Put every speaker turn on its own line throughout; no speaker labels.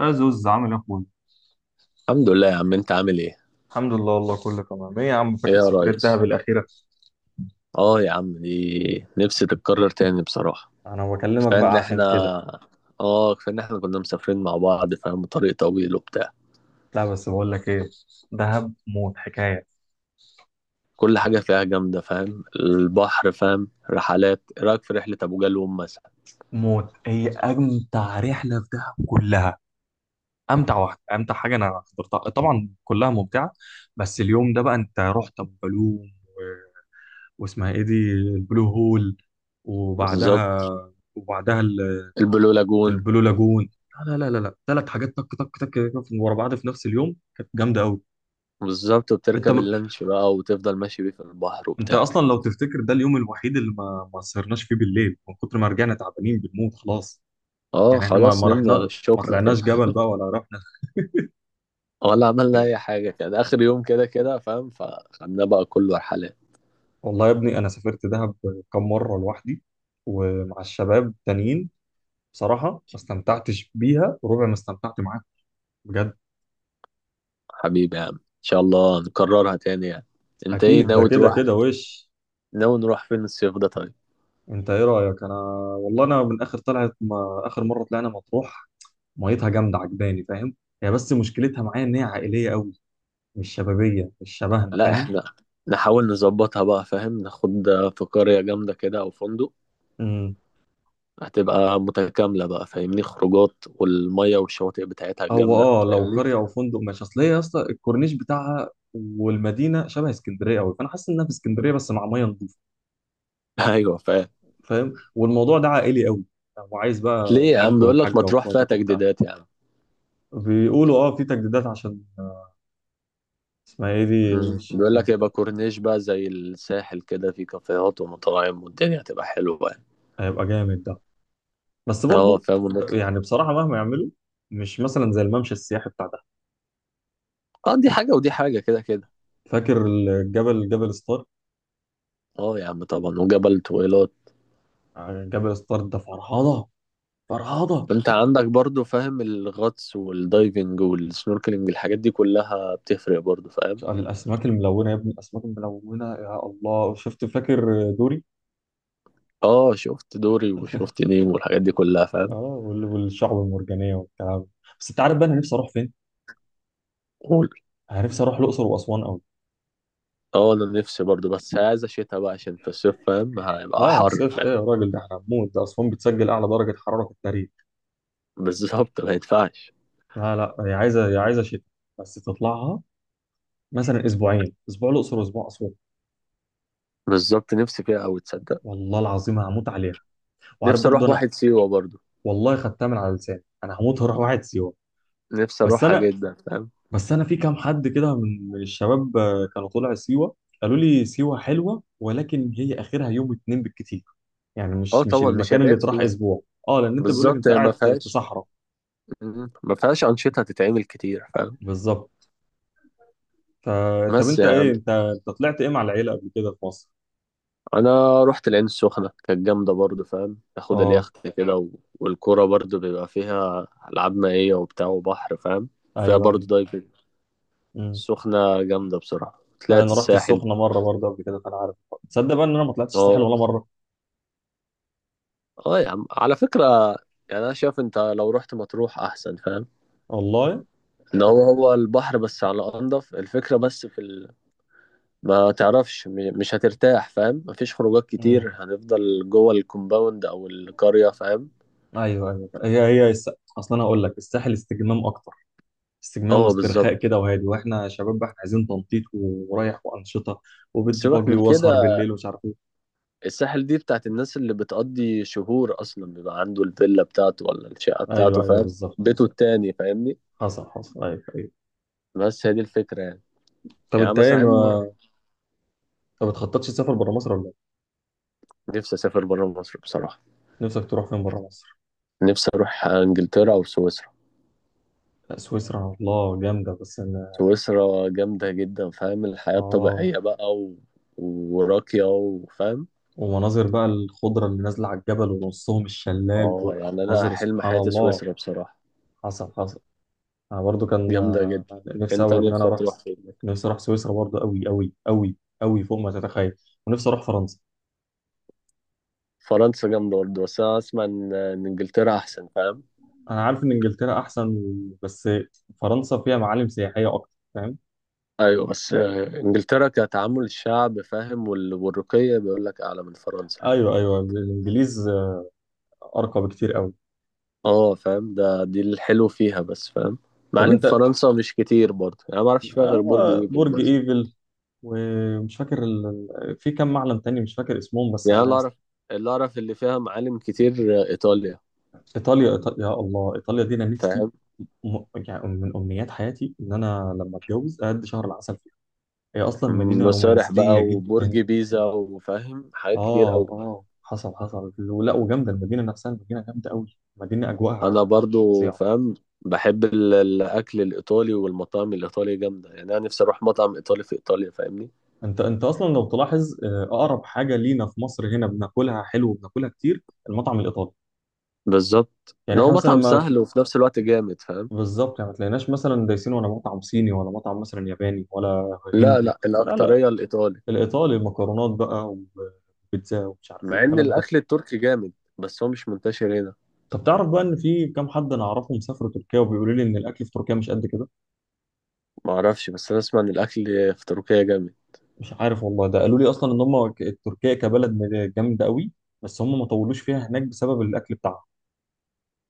يا زوز، عامل ايه يا اخويا؟
الحمد لله يا عم، انت عامل ايه؟
الحمد لله والله، كله تمام. ايه يا عم،
ايه
فاكر
يا
سفرية
ريس؟
دهب الأخيرة؟
اه يا عم، دي نفسي تتكرر تاني بصراحة.
انا بكلمك
كفاية ان
بقى عشان
احنا.
كده.
اه، كفاية ان احنا كنا مسافرين مع بعض فاهم، طريق طويل وبتاع.
لا بس بقول لك ايه، دهب موت حكاية.
كل حاجة فيها جامدة فاهم، البحر فاهم، رحلات. ايه رأيك في رحلة ابو جالوم مثلا؟
موت، هي امتع رحلة في دهب كلها. امتع واحدة، امتع حاجة انا حضرتها، طبعا كلها ممتعة. بس اليوم ده بقى، انت رحت ابو جالوم واسمها ايه دي، البلو هول، وبعدها
بالظبط.
وبعدها
البلو لاجون.
البلو لاجون. لا لا لا لا لا، ثلاث حاجات، تك تك تك ورا بعض في نفس اليوم، كانت جامدة قوي.
بالظبط.
انت
وبتركب اللانش بقى وتفضل ماشي بيه في البحر
انت
وبتاع.
اصلا لو تفتكر، ده اليوم الوحيد اللي ما سهرناش فيه بالليل من كتر ما رجعنا تعبانين بنموت خلاص.
اه
يعني احنا ما
خلاص،
ما
نمنا
رحنا، ما
شكرا كده.
طلعناش جبل بقى ولا رحنا.
ولا عملنا اي حاجة كده، اخر يوم كده كده فاهم، فخدنا بقى كله رحلات.
والله يا ابني، انا سافرت دهب كم مره لوحدي ومع الشباب تانيين، بصراحه ما استمتعتش بيها وربع ما استمتعت معاك بجد.
حبيبي يا عم، ان شاء الله نكررها تاني يعني. انت ايه
اكيد، ده
ناوي
كده
تروح؟
كده وش.
ناوي نروح فين الصيف ده طيب؟
انت ايه رايك، انا والله انا من اخر طلعت، ما اخر مره طلعنا مطروح، ميتها جامده عجباني، فاهم؟ هي بس مشكلتها معايا ان هي عائليه قوي، مش شبابيه، مش شبهنا.
لا احنا نحاول نظبطها بقى فاهم، ناخد في قرية جامدة كده او فندق.
فاهم،
هتبقى متكاملة بقى فاهمني، خروجات والمية والشواطئ بتاعتها
هو
الجامدة
اه لو
فاهمني.
قريه او فندق ماشي، اصل هي يا اسطى الكورنيش بتاعها والمدينه شبه اسكندريه قوي، فانا حاسس انها في اسكندريه بس مع ميه نظيفه.
ايوه فاهم.
فاهم، والموضوع ده عائلي قوي، وعايز بقى
ليه يا عم؟
الحاج
بيقول لك ما
والحاجه
تروح فيها
واخواتك وبتاع.
تجديدات يا عم.
بيقولوا اه في تجديدات عشان اسمها ايه دي
بيقول لك يبقى كورنيش بقى زي الساحل، كده في كافيهات ومطاعم والدنيا هتبقى حلوة يعني.
هيبقى جامد ده، بس
اه
برضو
فاهم، ونطلع.
يعني بصراحه مهما يعملوا، مش مثلا زي الممشى السياحي بتاع ده.
اه دي حاجة ودي حاجة كده كده.
فاكر الجبل، جبل ستار؟
اه يا عم طبعا، وجبل طويلات.
جبل ستار ده فرهضه فرهضه.
انت عندك برضو فاهم، الغطس والدايفنج والسنوركلينج الحاجات دي كلها بتفرق برضو فاهم.
الاسماك الملونه يا ابني، الاسماك الملونه، يا الله، شفت فاكر دوري؟
اه شفت دوري وشفت نيم والحاجات دي كلها
اه
فاهم.
والشعب المرجانيه والكلام ده. بس انت عارف بقى انا نفسي اروح فين؟
قول.
انا نفسي اروح الاقصر واسوان قوي.
اه انا نفسي برضو، بس عايز شتا بقى عشان في الصيف فاهم، هيبقى
لا
حر
الصيف ايه
فاهم.
يا راجل، ده احنا هنموت، ده اسوان بتسجل اعلى درجه حراره في التاريخ.
بالظبط، ما ينفعش.
لا لا، هي عايزه، هي عايزه شتاء، بس تطلعها مثلا اسبوعين، اسبوع الاقصر واسبوع اسوان.
بالظبط، نفسي فيها اوي تصدق.
والله العظيم هموت عليها. وعارف
نفسي
برضه
اروح
انا،
واحد سيوة برضو.
والله خدتها من على لساني، انا هموت هروح واحد سيوه.
نفسي
بس
اروحها
انا
جدا فاهم.
بس انا في كام حد كده من الشباب كانوا طلع سيوه، قالوا لي سيوه حلوه ولكن هي اخرها يوم اتنين بالكتير، يعني
اه
مش، مش
طبعا، مش
المكان اللي
هتعد
تروح
فيها.
اسبوع. اه لان انت بيقول لك
بالظبط،
انت
هي ما
قاعد في
فيهاش.
صحراء.
ما فيهاش انشطه تتعمل كتير فاهم.
بالظبط. ف- طب
بس
انت
يا عم،
ايه، انت طلعت ايه مع العيله قبل كده في مصر؟
انا رحت العين السخنه، كانت جامده برضو فاهم، اخد
اه
اليخت كده. و... والكوره برضو بيبقى فيها العاب مائيه وبتاع وبحر فاهم. فيها
ايوه
برضو
ايوه.
دايفنج.
امم.
السخنه جامده بصراحه.
أيوة،
طلعت
انا رحت
الساحل.
السخنه مره برضه قبل كده فانا عارف. تصدق بقى ان انا ما طلعتش الساحل
اه،
ولا مره.
اه يا عم على فكره، يعني انا شايف انت لو رحت مطروح احسن فاهم،
والله.
ان هو هو البحر بس على انضف الفكره بس ما تعرفش مش هترتاح فاهم، مفيش خروجات
امم.
كتير، هنفضل جوه الكومباوند او القريه فاهم.
ايوه ايوه، اصلا انا هقول لك الساحل استجمام اكتر، استجمام
اه
واسترخاء
بالظبط.
كده وهادي، واحنا شباب بقى احنا عايزين تنطيط ورايح وانشطه وبيتش
سيبك
باجي
من
واسهر
كده،
بالليل ومش عارف ايه.
الساحل دي بتاعت الناس اللي بتقضي شهور، اصلا بيبقى عنده الفيلا بتاعته ولا الشقه
ايوه
بتاعته
ايوه
فاهم،
بالظبط
بيته
بالظبط.
التاني فاهمني.
حصل حصل ايوه ايوه.
بس هي دي الفكره يعني.
طب
يعني
انت ايه
مثلا
ما بتخططش تسافر بره مصر ولا ايه؟
نفسي اسافر بره مصر بصراحه.
نفسك تروح فين بره مصر؟
نفسي اروح انجلترا او سويسرا.
لا سويسرا، الله، جامده. بس انا
سويسرا جامده جدا فاهم، الحياه
اه،
الطبيعيه بقى وراقيه وفاهم.
ومناظر بقى الخضره اللي نازله على الجبل ونصهم الشلال،
اه يعني انا
ومناظر،
حلم
سبحان
حياتي
الله.
سويسرا بصراحه.
حصل حصل. انا برضو كان
جامده جدا.
نفسي
انت
قوي ان انا
نفسك
اروح.
تروح فين؟
نفسي اروح سويسرا برضو، قوي قوي قوي، قوي فوق ما تتخيل. ونفسي اروح فرنسا.
فرنسا جامده برضه، بس انا اسمع إن انجلترا احسن فاهم.
انا عارف ان انجلترا احسن بس فرنسا فيها معالم سياحيه اكتر، فاهم؟
ايوه بس انجلترا كتعامل الشعب فاهم، والرقي بيقول لك اعلى من فرنسا يعني.
ايوه ايوه، الانجليز ارقى بكتير قوي.
اه فاهم، ده دي الحلو فيها بس فاهم.
طب
معالم
انت،
فرنسا مش كتير برضه يعني، ما اعرفش فيها غير برج
هو
ايفل
برج
بس.
ايفل في كم معلم تاني مش فاكر اسمهم، بس
يعني أنا اللي
انا.
اعرف، اللي اعرف اللي فيها معالم كتير ايطاليا
ايطاليا، ايطاليا، يا الله ايطاليا دي انا نفسي،
فاهم.
يعني من امنيات حياتي ان انا لما اتجوز اقضي شهر العسل فيها. هي اصلا مدينه
مسارح
رومانسيه
بقى وبرج
جدا.
بيزا وفاهم حاجات كتير
اه
قوي.
اه، حصل حصل، ولا وجامده المدينه نفسها، المدينه جامده قوي، مدينه
انا
اجواءها
برضو
فظيعه.
فاهم، بحب الاكل الايطالي والمطاعم الايطالية جامدة يعني، انا نفسي اروح مطعم ايطالي في ايطاليا فاهمني.
انت اصلا لو تلاحظ اقرب حاجه لينا في مصر، هنا بناكلها حلو وبناكلها كتير، المطعم الايطالي.
بالظبط ان
يعني
هو
احنا مثلا
مطعم
ما ت-
سهل وفي نفس الوقت جامد فاهم.
بالظبط، يعني ما تلاقيناش مثلا دايسين ولا مطعم صيني ولا مطعم مثلا ياباني ولا
لا،
هندي.
لا،
لا لا،
الاكتريه الايطالي.
الايطالي، المكرونات بقى وبيتزا ومش عارف ايه
مع ان
الكلام ده.
الاكل التركي جامد بس هو مش منتشر هنا.
طب تعرف بقى ان في كام حد انا اعرفهم سافروا تركيا وبيقولوا لي ان الاكل في تركيا مش قد كده.
ما اعرفش، بس انا اسمع ان الاكل في تركيا جامد.
مش عارف والله، ده قالوا لي اصلا ان هم تركيا كبلد جامده قوي، بس هم ما طولوش فيها هناك بسبب الاكل بتاعهم.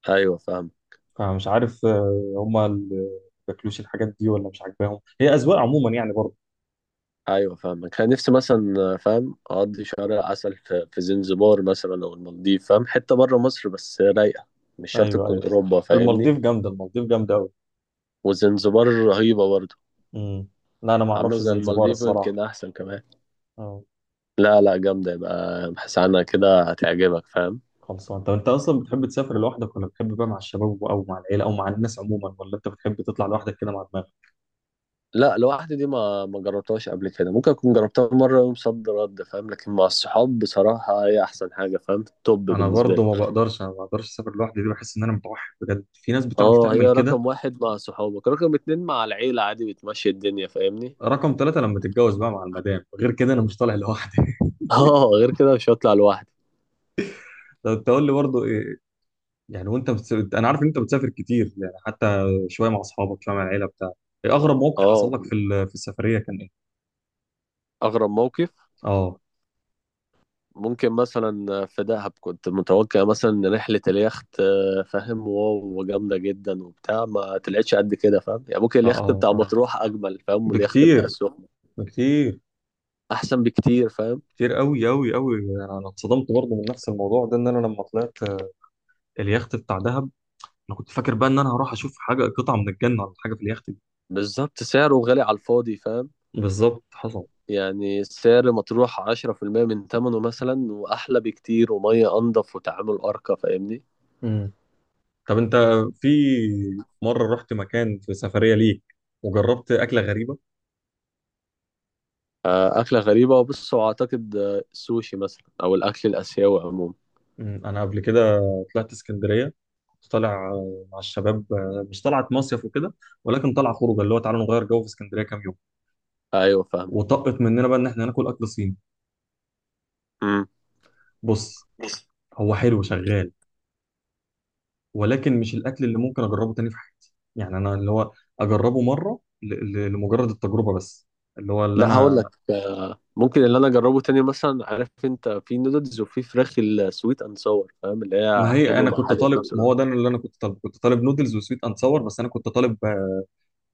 ايوه فاهم.
فمش عارف هما اللي بياكلوش الحاجات دي ولا مش عاجباهم، هي أذواق عموما يعني برضه.
ايوه فاهم، كان نفسي مثلا فاهم اقضي شهر عسل في زنزبار مثلا او المالديف فاهم، حته بره مصر بس رايقه، مش شرط
ايوه
تكون
ايوه،
اوروبا فاهمني.
المالديف جامدة، المالديف جامدة أوي.
وزنزبار رهيبه برضه،
امم. لا أنا ما
عامله
أعرفش
زي
زنزبار
المالديف
الصراحة.
ويمكن احسن كمان.
اه
لا، لا، جامده، يبقى ابحث عنها كده هتعجبك فاهم.
خلصان. طب أنت أصلا بتحب تسافر لوحدك ولا بتحب بقى مع الشباب أو مع العيلة أو مع الناس عموما، ولا أنت بتحب تطلع لوحدك كده مع دماغك؟
لا، لوحدي دي ما جربتهاش قبل كده، ممكن اكون جربتها مره يوم صد رد فاهم، لكن مع الصحاب بصراحه هي احسن حاجه فاهم، توب
أنا
بالنسبه
برضه
لي.
ما بقدرش، أنا ما بقدرش أسافر لوحدي دي، بحس إن أنا متوحد، بجد في ناس بتعرف
اه، هي
تعمل كده.
رقم واحد مع صحابك، رقم اتنين مع العيله عادي، بتمشي الدنيا فاهمني.
رقم ثلاثة لما تتجوز بقى مع المدام، غير كده أنا مش طالع لوحدي.
اه غير كده مش هطلع لوحدي.
طب أنت قول لي برضه، يعني انا عارف ان انت بتسافر كتير، يعني حتى شويه مع اصحابك شويه مع العيله بتاع. ايه اغرب موقف حصل
اه،
لك في السفريه، كان ايه؟
اغرب موقف.
اه
ممكن مثلا في دهب كنت متوقع مثلا ان رحله اليخت فاهم، واو وجامده جدا وبتاع، ما طلعتش قد كده فاهم يعني. ممكن
اه
اليخت
اه.
بتاع
اه
مطروح اجمل فاهم، واليخت بتاع
بكتير
السخنه
بكتير،
احسن بكتير فاهم.
كتير قوي قوي قوي. انا اتصدمت برضه من نفس الموضوع ده، ان انا لما طلعت اليخت بتاع دهب، انا كنت فاكر بقى ان انا هروح اشوف حاجه قطعه من الجنه ولا حاجه في اليخت دي.
بالظبط، سعره غالي على الفاضي فاهم.
بالظبط حصل.
يعني سعر مطروح 10% من ثمنه مثلا، وأحلى بكتير، ومية أنضف، وتعامل أرقى فاهمني.
امم. طب انت، في مره رحت مكان في سفريه ليك وجربت اكله غريبه؟
أكلة غريبة وبص، وأعتقد السوشي مثلا أو الأكل الآسيوي عموما.
انا قبل كده طلعت اسكندريه، كنت طالع مع الشباب مش طلعت مصيف وكده، ولكن طلعه خروجه اللي هو تعالوا نغير جو في اسكندريه كام يوم.
أيوه فاهم.
وطقت مننا بقى ان احنا ناكل اكل صيني.
مم.
بص، هو حلو شغال، ولكن مش الاكل اللي ممكن اجربه تاني في حياتي، يعني انا اللي هو اجربه مره لمجرد التجربه بس، اللي هو اللي
لا هقول
انا.
لك ممكن اللي أنا أجربه تاني مثلا، عارف أنت في نودلز وفي فراخ السويت أند ساور فاهم، اللي هي
ما هي
حلو
انا
مع
كنت
حلو في
طالب،
نفس
ما هو ده
الوقت.
اللي انا كنت طالبه، كنت طالب نودلز وسويت اند صور، بس انا كنت طالب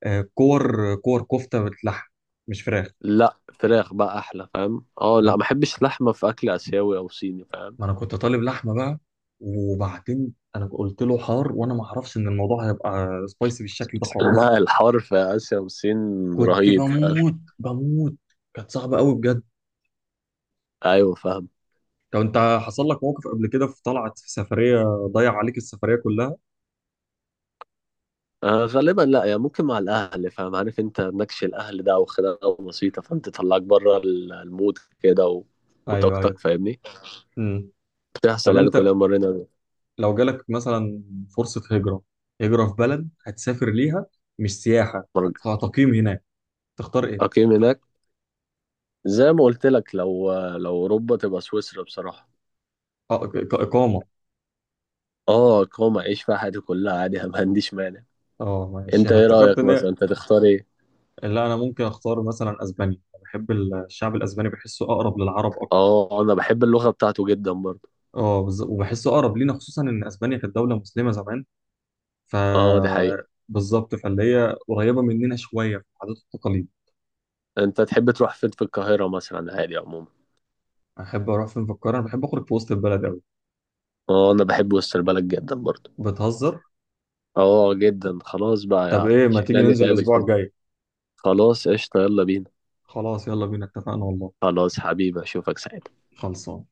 آه، كور كور كفته باللحم، مش فراخ.
لا فراخ بقى أحلى فاهم. أه، لا ما بحبش لحمة في أكل آسيوي أو صيني فاهم.
ما انا كنت طالب لحمه بقى. وبعدين انا قلت له حار، وانا ما اعرفش ان الموضوع هيبقى سبايسي بالشكل ده خالص.
لا، الحوار في آسيا والصين
كنت
رهيب فاهم.
بموت بموت. كانت صعبه قوي بجد.
أيوه فاهم.
طب انت حصل لك موقف قبل كده في طلعت في سفريه ضيع عليك السفريه كلها؟
غالبا لا يعني، ممكن مع الأهل فاهم، عارف أنت نكش الأهل ده أو خناقة بسيطة فاهم، تطلعك بره المود كده
ايوه
وطاقتك
ايوه.
فاهمني.
امم.
بتحصل
طب
يعني،
انت
كلنا مرينا.
لو جالك مثلا فرصه هجره، هجره في بلد هتسافر ليها، مش سياحه،
مرة-
هتقيم هناك، تختار ايه؟
أقيم هناك. زي ما قلت لك، لو أوروبا تبقى سويسرا بصراحة.
اقامه.
اه اقامة، أعيش فيها حياتي كلها عادي. ما عنديش مانع.
اه ماشي،
أنت
انا
إيه
افتكرت
رأيك
ان.
مثلا؟ أنت تختار إيه؟
لا انا ممكن اختار مثلا اسبانيا، بحب الشعب الاسباني، بحسه اقرب للعرب اكتر.
اه أنا بحب اللغة بتاعته جدا برضه.
اه وبحسه اقرب لينا، خصوصا ان اسبانيا كانت دوله مسلمه زمان. ف
اه دي حقيقة.
بالظبط، فاللي هي قريبه مننا شويه في العادات والتقاليد.
أنت تحب تروح فين في القاهرة مثلا عادي عموما؟
احب اروح فين في القاهره؟ انا بحب اخرج في وسط البلد قوي.
اه انا بحب وسط البلد جدا برضه.
بتهزر.
اه جدا، خلاص بقى
طب
يا
ايه ما تيجي
شكلنا
ننزل
نتقابل
الاسبوع
كده.
الجاي؟
خلاص قشطة، يلا بينا.
خلاص يلا بينا، اتفقنا والله.
خلاص حبيبي، اشوفك ساعتها.
خلصان.